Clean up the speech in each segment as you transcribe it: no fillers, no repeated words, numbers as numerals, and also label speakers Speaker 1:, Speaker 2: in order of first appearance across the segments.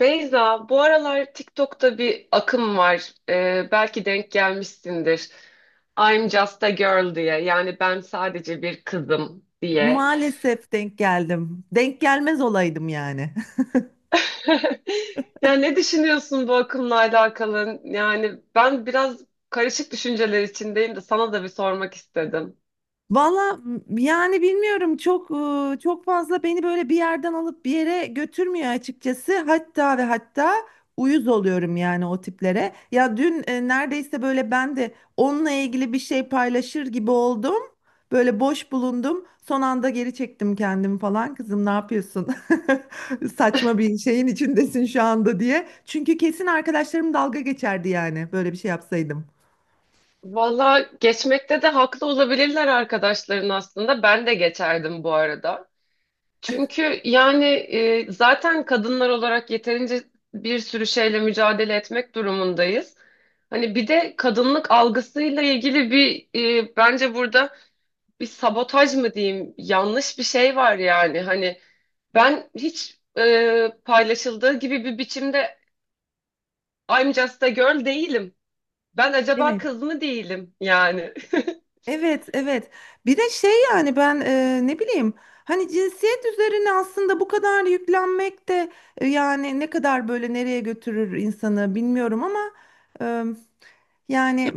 Speaker 1: Beyza, bu aralar TikTok'ta bir akım var. Belki denk gelmişsindir. I'm just a girl diye. Yani ben sadece bir kızım diye.
Speaker 2: Maalesef denk geldim. Denk gelmez olaydım yani.
Speaker 1: Ya ne düşünüyorsun bu akımla alakalı? Yani ben biraz karışık düşünceler içindeyim de sana da bir sormak istedim.
Speaker 2: Valla yani bilmiyorum çok çok fazla beni böyle bir yerden alıp bir yere götürmüyor açıkçası. Hatta ve hatta uyuz oluyorum yani o tiplere. Ya dün neredeyse böyle ben de onunla ilgili bir şey paylaşır gibi oldum. Böyle boş bulundum. Son anda geri çektim kendimi falan. Kızım ne yapıyorsun? Saçma bir şeyin içindesin şu anda diye. Çünkü kesin arkadaşlarım dalga geçerdi yani böyle bir şey yapsaydım.
Speaker 1: Valla geçmekte de haklı olabilirler arkadaşların aslında. Ben de geçerdim bu arada. Çünkü yani zaten kadınlar olarak yeterince bir sürü şeyle mücadele etmek durumundayız. Hani bir de kadınlık algısıyla ilgili bir bence burada bir sabotaj mı diyeyim, yanlış bir şey var yani. Hani ben hiç paylaşıldığı gibi bir biçimde I'm just a girl değilim. Ben acaba
Speaker 2: Evet.
Speaker 1: kız mı değilim yani.
Speaker 2: Evet, evet. Bir de şey yani ben ne bileyim hani cinsiyet üzerine aslında bu kadar yüklenmek de yani ne kadar böyle nereye götürür insanı bilmiyorum ama e, yani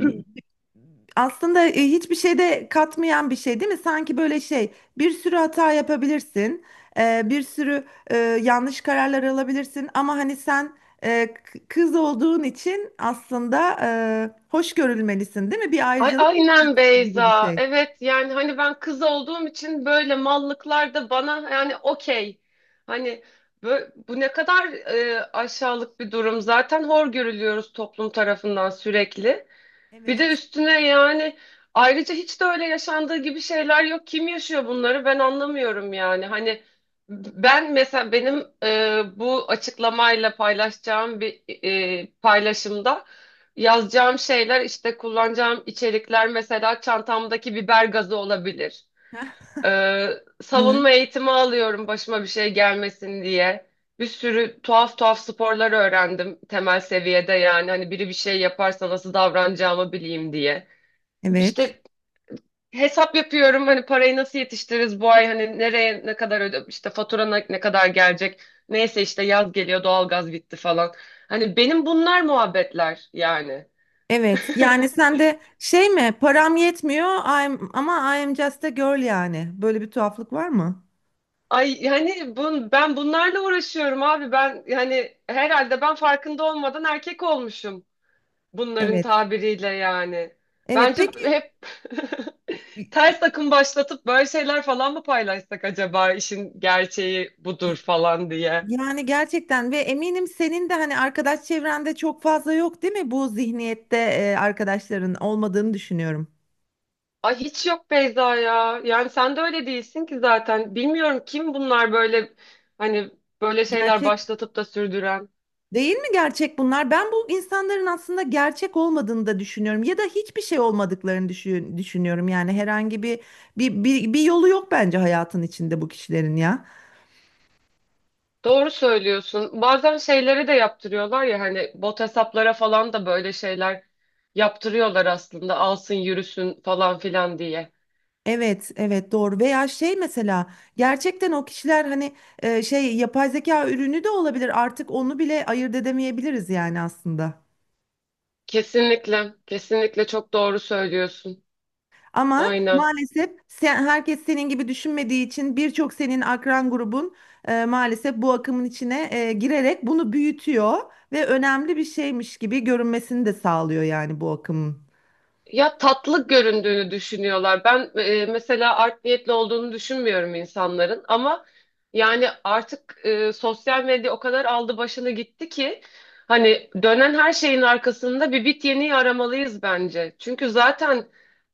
Speaker 2: aslında hiçbir şeyde katmayan bir şey değil mi? Sanki böyle şey bir sürü hata yapabilirsin, bir sürü yanlış kararlar alabilirsin ama hani sen kız olduğun için aslında hoş görülmelisin değil mi? Bir
Speaker 1: Ay
Speaker 2: ayrıcalık
Speaker 1: aynen
Speaker 2: beklentisi gibi bir
Speaker 1: Beyza.
Speaker 2: şey.
Speaker 1: Evet, yani hani ben kız olduğum için böyle mallıklar da bana, yani okey. Hani bu ne kadar aşağılık bir durum. Zaten hor görülüyoruz toplum tarafından sürekli. Bir de
Speaker 2: Evet.
Speaker 1: üstüne yani ayrıca hiç de öyle yaşandığı gibi şeyler yok. Kim yaşıyor bunları, ben anlamıyorum yani. Hani ben mesela benim bu açıklamayla paylaşacağım bir paylaşımda yazacağım şeyler, işte kullanacağım içerikler, mesela çantamdaki biber gazı olabilir.
Speaker 2: Heh, evet.
Speaker 1: Savunma eğitimi alıyorum başıma bir şey gelmesin diye. Bir sürü tuhaf tuhaf sporlar öğrendim temel seviyede, yani hani biri bir şey yaparsa nasıl davranacağımı bileyim diye.
Speaker 2: Evet.
Speaker 1: İşte hesap yapıyorum, hani parayı nasıl yetiştiririz bu ay, hani nereye ne kadar öde, işte fatura ne kadar gelecek. Neyse işte yaz geliyor, doğalgaz bitti falan. Hani benim bunlar muhabbetler yani.
Speaker 2: Evet. Yani sen de şey mi? Param yetmiyor. Ama I am just a girl yani. Böyle bir tuhaflık var mı?
Speaker 1: Ay yani ben bunlarla uğraşıyorum abi, ben yani herhalde ben farkında olmadan erkek olmuşum bunların
Speaker 2: Evet.
Speaker 1: tabiriyle yani.
Speaker 2: Evet.
Speaker 1: Bence
Speaker 2: Peki
Speaker 1: hep ters akım başlatıp böyle şeyler falan mı paylaşsak acaba, işin gerçeği budur falan diye.
Speaker 2: yani gerçekten ve eminim senin de hani arkadaş çevrende çok fazla yok değil mi? Bu zihniyette arkadaşların olmadığını düşünüyorum.
Speaker 1: Ay hiç yok Beyza ya. Yani sen de öyle değilsin ki zaten. Bilmiyorum kim bunlar böyle, hani böyle şeyler
Speaker 2: Gerçek
Speaker 1: başlatıp da sürdüren.
Speaker 2: Değil mi gerçek bunlar? Ben bu insanların aslında gerçek olmadığını da düşünüyorum ya da hiçbir şey olmadıklarını düşünüyorum. Yani herhangi bir yolu yok bence hayatın içinde bu kişilerin ya.
Speaker 1: Doğru söylüyorsun. Bazen şeyleri de yaptırıyorlar ya, hani bot hesaplara falan da böyle şeyler yaptırıyorlar aslında, alsın yürüsün falan filan diye.
Speaker 2: Evet, evet doğru. Veya şey mesela gerçekten o kişiler hani şey yapay zeka ürünü de olabilir. Artık onu bile ayırt edemeyebiliriz yani aslında.
Speaker 1: Kesinlikle, kesinlikle çok doğru söylüyorsun.
Speaker 2: Ama
Speaker 1: Aynen.
Speaker 2: maalesef sen, herkes senin gibi düşünmediği için birçok senin akran grubun maalesef bu akımın içine girerek bunu büyütüyor ve önemli bir şeymiş gibi görünmesini de sağlıyor yani bu akımın.
Speaker 1: Ya tatlı göründüğünü düşünüyorlar. Ben mesela art niyetli olduğunu düşünmüyorum insanların ama yani artık sosyal medya o kadar aldı başını gitti ki hani dönen her şeyin arkasında bir bit yeniği aramalıyız bence. Çünkü zaten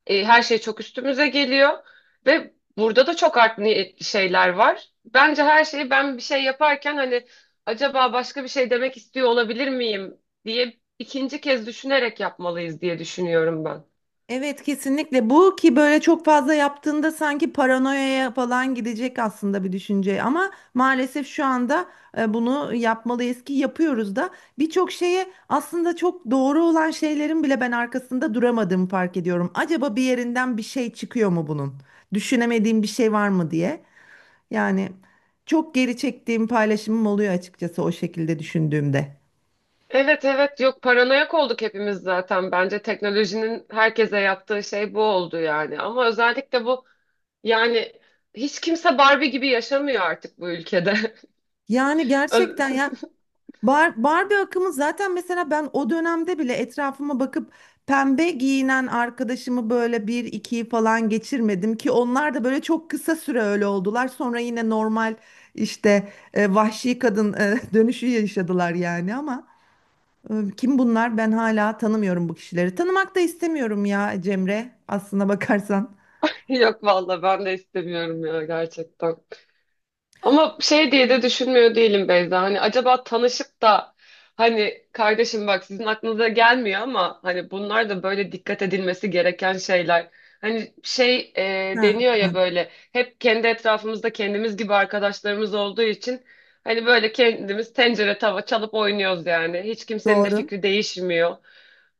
Speaker 1: her şey çok üstümüze geliyor ve burada da çok art niyetli şeyler var. Bence her şeyi ben bir şey yaparken hani acaba başka bir şey demek istiyor olabilir miyim diye ikinci kez düşünerek yapmalıyız diye düşünüyorum ben.
Speaker 2: Evet kesinlikle bu ki böyle çok fazla yaptığında sanki paranoyaya falan gidecek aslında bir düşünce ama maalesef şu anda bunu yapmalıyız ki yapıyoruz da birçok şeye aslında çok doğru olan şeylerin bile ben arkasında duramadığımı fark ediyorum. Acaba bir yerinden bir şey çıkıyor mu bunun? Düşünemediğim bir şey var mı diye. Yani çok geri çektiğim paylaşımım oluyor açıkçası o şekilde düşündüğümde.
Speaker 1: Evet evet, yok paranoyak olduk hepimiz zaten. Bence teknolojinin herkese yaptığı şey bu oldu yani. Ama özellikle bu yani hiç kimse Barbie gibi yaşamıyor artık bu ülkede.
Speaker 2: Yani gerçekten
Speaker 1: Ö-
Speaker 2: ya. Barbie akımı zaten mesela ben o dönemde bile etrafıma bakıp pembe giyinen arkadaşımı böyle bir ikiyi falan geçirmedim ki onlar da böyle çok kısa süre öyle oldular. Sonra yine normal işte vahşi kadın dönüşü yaşadılar yani ama kim bunlar? Ben hala tanımıyorum bu kişileri. Tanımak da istemiyorum ya Cemre aslına bakarsan.
Speaker 1: Yok valla ben de istemiyorum ya gerçekten. Ama şey diye de düşünmüyor değilim Beyza. Hani acaba tanışıp da hani kardeşim bak sizin aklınıza gelmiyor ama hani bunlar da böyle dikkat edilmesi gereken şeyler. Hani şey
Speaker 2: Ha,
Speaker 1: deniyor ya,
Speaker 2: ha.
Speaker 1: böyle hep kendi etrafımızda kendimiz gibi arkadaşlarımız olduğu için hani böyle kendimiz tencere tava çalıp oynuyoruz yani. Hiç kimsenin de
Speaker 2: Doğru,
Speaker 1: fikri değişmiyor.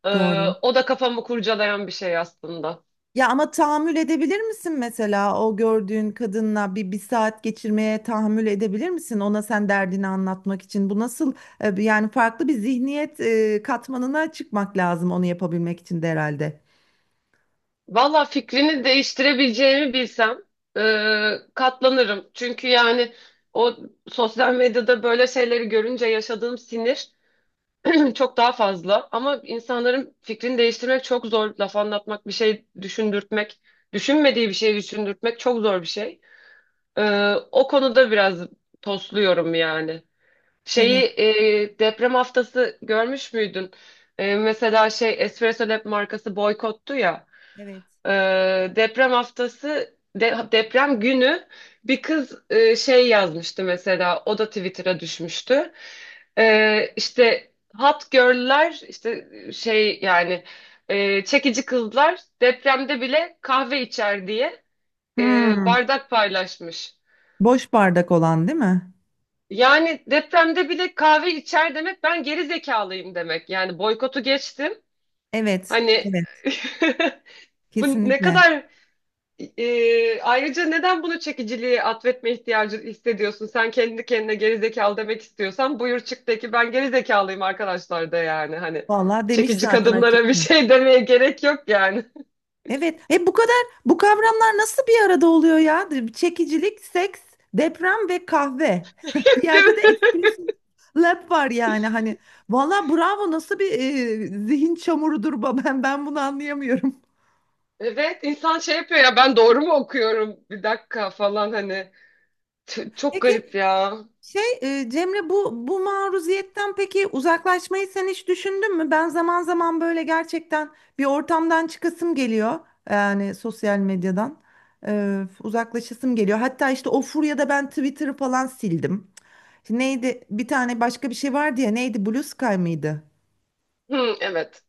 Speaker 2: doğru.
Speaker 1: O da kafamı kurcalayan bir şey aslında.
Speaker 2: Ya ama tahammül edebilir misin mesela o gördüğün kadınla bir saat geçirmeye tahammül edebilir misin? Ona sen derdini anlatmak için bu nasıl yani farklı bir zihniyet katmanına çıkmak lazım onu yapabilmek için de herhalde.
Speaker 1: Valla fikrini değiştirebileceğimi bilsem e, katlanırım. Çünkü yani o sosyal medyada böyle şeyleri görünce yaşadığım sinir çok daha fazla. Ama insanların fikrini değiştirmek çok zor. Laf anlatmak, bir şey düşündürtmek, düşünmediği bir şey düşündürtmek çok zor bir şey. O konuda biraz tosluyorum yani. Şeyi
Speaker 2: Evet.
Speaker 1: deprem haftası görmüş müydün? Mesela şey Espresso Lab markası boykottu ya.
Speaker 2: Evet.
Speaker 1: Deprem haftası deprem günü bir kız şey yazmıştı, mesela o da Twitter'a düşmüştü. İşte hot girl'ler, işte şey yani çekici kızlar depremde bile kahve içer diye
Speaker 2: Hmm,
Speaker 1: bardak paylaşmış.
Speaker 2: boş bardak olan değil mi?
Speaker 1: Yani depremde bile kahve içer demek, ben geri zekalıyım demek. Yani boykotu geçtim.
Speaker 2: Evet,
Speaker 1: Hani
Speaker 2: evet,
Speaker 1: bu ne
Speaker 2: kesinlikle.
Speaker 1: kadar ayrıca neden bunu çekiciliğe atfetme ihtiyacı hissediyorsun? Sen kendi kendine gerizekalı demek istiyorsan buyur çık de ki ben gerizekalıyım arkadaşlar, da yani hani
Speaker 2: Vallahi demiş
Speaker 1: çekici
Speaker 2: zaten
Speaker 1: kadınlara bir
Speaker 2: açıkça.
Speaker 1: şey demeye gerek yok yani.
Speaker 2: Evet. E bu kadar bu kavramlar nasıl bir arada oluyor ya? Çekicilik, seks, deprem ve kahve. Bir
Speaker 1: Değil
Speaker 2: yerde de
Speaker 1: mi?
Speaker 2: etkileşim lab var yani hani. Vallahi bravo nasıl bir zihin çamurudur bu- ben bunu anlayamıyorum.
Speaker 1: Evet insan şey yapıyor ya, ben doğru mu okuyorum bir dakika falan, hani çok
Speaker 2: Peki
Speaker 1: garip ya.
Speaker 2: şey Cemre bu maruziyetten peki uzaklaşmayı sen hiç düşündün mü? Ben zaman zaman böyle gerçekten bir ortamdan çıkasım geliyor. Yani sosyal medyadan, uzaklaşasım geliyor. Hatta işte o furyada ben Twitter'ı falan sildim. Şimdi neydi bir tane başka bir şey vardı ya, neydi, Blue Sky mıydı?
Speaker 1: Hı, evet.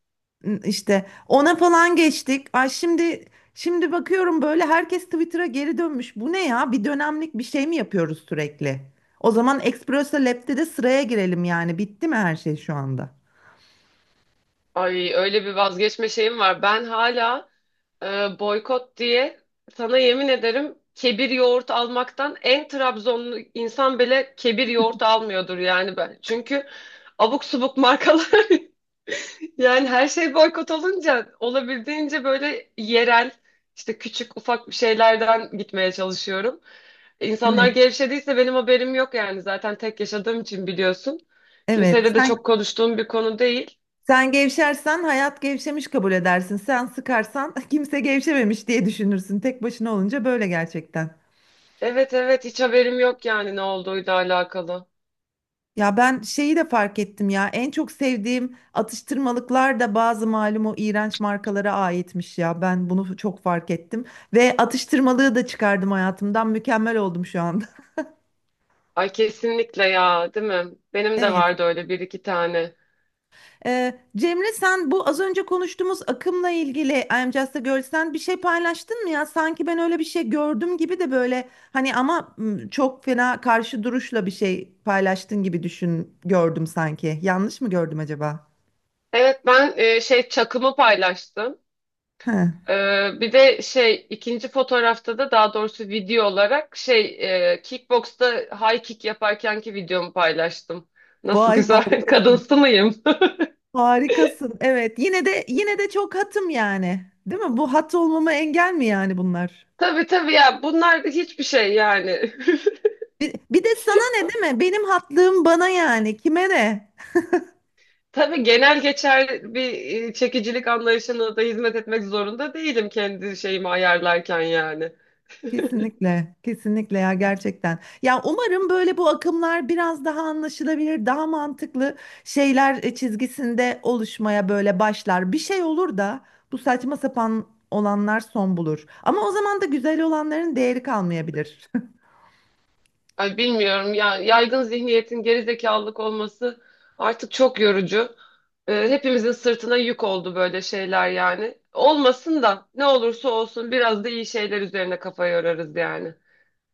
Speaker 2: İşte ona falan geçtik. Ay şimdi bakıyorum böyle herkes Twitter'a geri dönmüş. Bu ne ya? Bir dönemlik bir şey mi yapıyoruz sürekli? O zaman Expresso Lab'de de sıraya girelim yani. Bitti mi her şey şu anda?
Speaker 1: Ay öyle bir vazgeçme şeyim var. Ben hala boykot diye sana yemin ederim kebir yoğurt almaktan, en Trabzonlu insan bile kebir yoğurt almıyordur yani ben. Çünkü abuk subuk markalar yani her şey boykot olunca olabildiğince böyle yerel, işte küçük ufak bir şeylerden gitmeye çalışıyorum. İnsanlar
Speaker 2: Evet.
Speaker 1: gevşediyse benim haberim yok yani, zaten tek yaşadığım için biliyorsun.
Speaker 2: Evet.
Speaker 1: Kimseyle de çok konuştuğum bir konu değil.
Speaker 2: Sen gevşersen hayat gevşemiş kabul edersin. Sen sıkarsan kimse gevşememiş diye düşünürsün. Tek başına olunca böyle gerçekten.
Speaker 1: Evet evet, hiç haberim yok yani ne olduğuyla alakalı.
Speaker 2: Ya ben şeyi de fark ettim ya. En çok sevdiğim atıştırmalıklar da bazı malum o iğrenç markalara aitmiş ya. Ben bunu çok fark ettim. Ve atıştırmalığı da çıkardım hayatımdan. Mükemmel oldum şu anda.
Speaker 1: Ay kesinlikle ya, değil mi? Benim de
Speaker 2: Evet.
Speaker 1: vardı öyle bir iki tane.
Speaker 2: Cemre sen bu az önce konuştuğumuz akımla ilgili I'm Just a Girl, sen bir şey paylaştın mı ya? Sanki ben öyle bir şey gördüm gibi de böyle hani ama çok fena karşı duruşla bir şey paylaştın gibi düşün gördüm sanki. Yanlış mı gördüm acaba?
Speaker 1: Evet ben şey çakımı paylaştım.
Speaker 2: He.
Speaker 1: E, Bir de şey ikinci fotoğrafta da, daha doğrusu video olarak şey kickboxta high kick yaparkenki videomu paylaştım. Nasıl
Speaker 2: Vay
Speaker 1: güzel
Speaker 2: harikasın.
Speaker 1: kadınsı mıyım?
Speaker 2: Harikasın. Evet. Yine de yine de çok hatım yani. Değil mi? Bu hat olmama engel mi yani bunlar?
Speaker 1: Tabii tabii ya bunlar hiçbir şey yani.
Speaker 2: Bir de sana ne değil mi? Benim hatlığım bana yani. Kime ne?
Speaker 1: Tabii genel geçerli bir çekicilik anlayışına da hizmet etmek zorunda değilim kendi şeyimi ayarlarken yani.
Speaker 2: Kesinlikle, kesinlikle ya gerçekten. Ya umarım böyle bu akımlar biraz daha anlaşılabilir, daha mantıklı şeyler çizgisinde oluşmaya böyle başlar. Bir şey olur da bu saçma sapan olanlar son bulur. Ama o zaman da güzel olanların değeri kalmayabilir.
Speaker 1: Ay bilmiyorum ya, yaygın zihniyetin gerizekalılık olması artık çok yorucu. Hepimizin sırtına yük oldu böyle şeyler yani. Olmasın da, ne olursa olsun biraz da iyi şeyler üzerine kafa yorarız yani.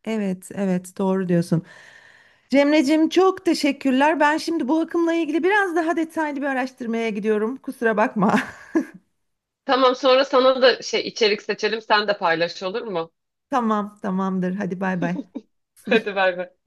Speaker 2: Evet, evet doğru diyorsun. Cemreciğim çok teşekkürler. Ben şimdi bu akımla ilgili biraz daha detaylı bir araştırmaya gidiyorum. Kusura bakma.
Speaker 1: Tamam, sonra sana da şey içerik seçelim sen de paylaş, olur mu?
Speaker 2: Tamam, tamamdır. Hadi bay bay.
Speaker 1: Hadi bay bay.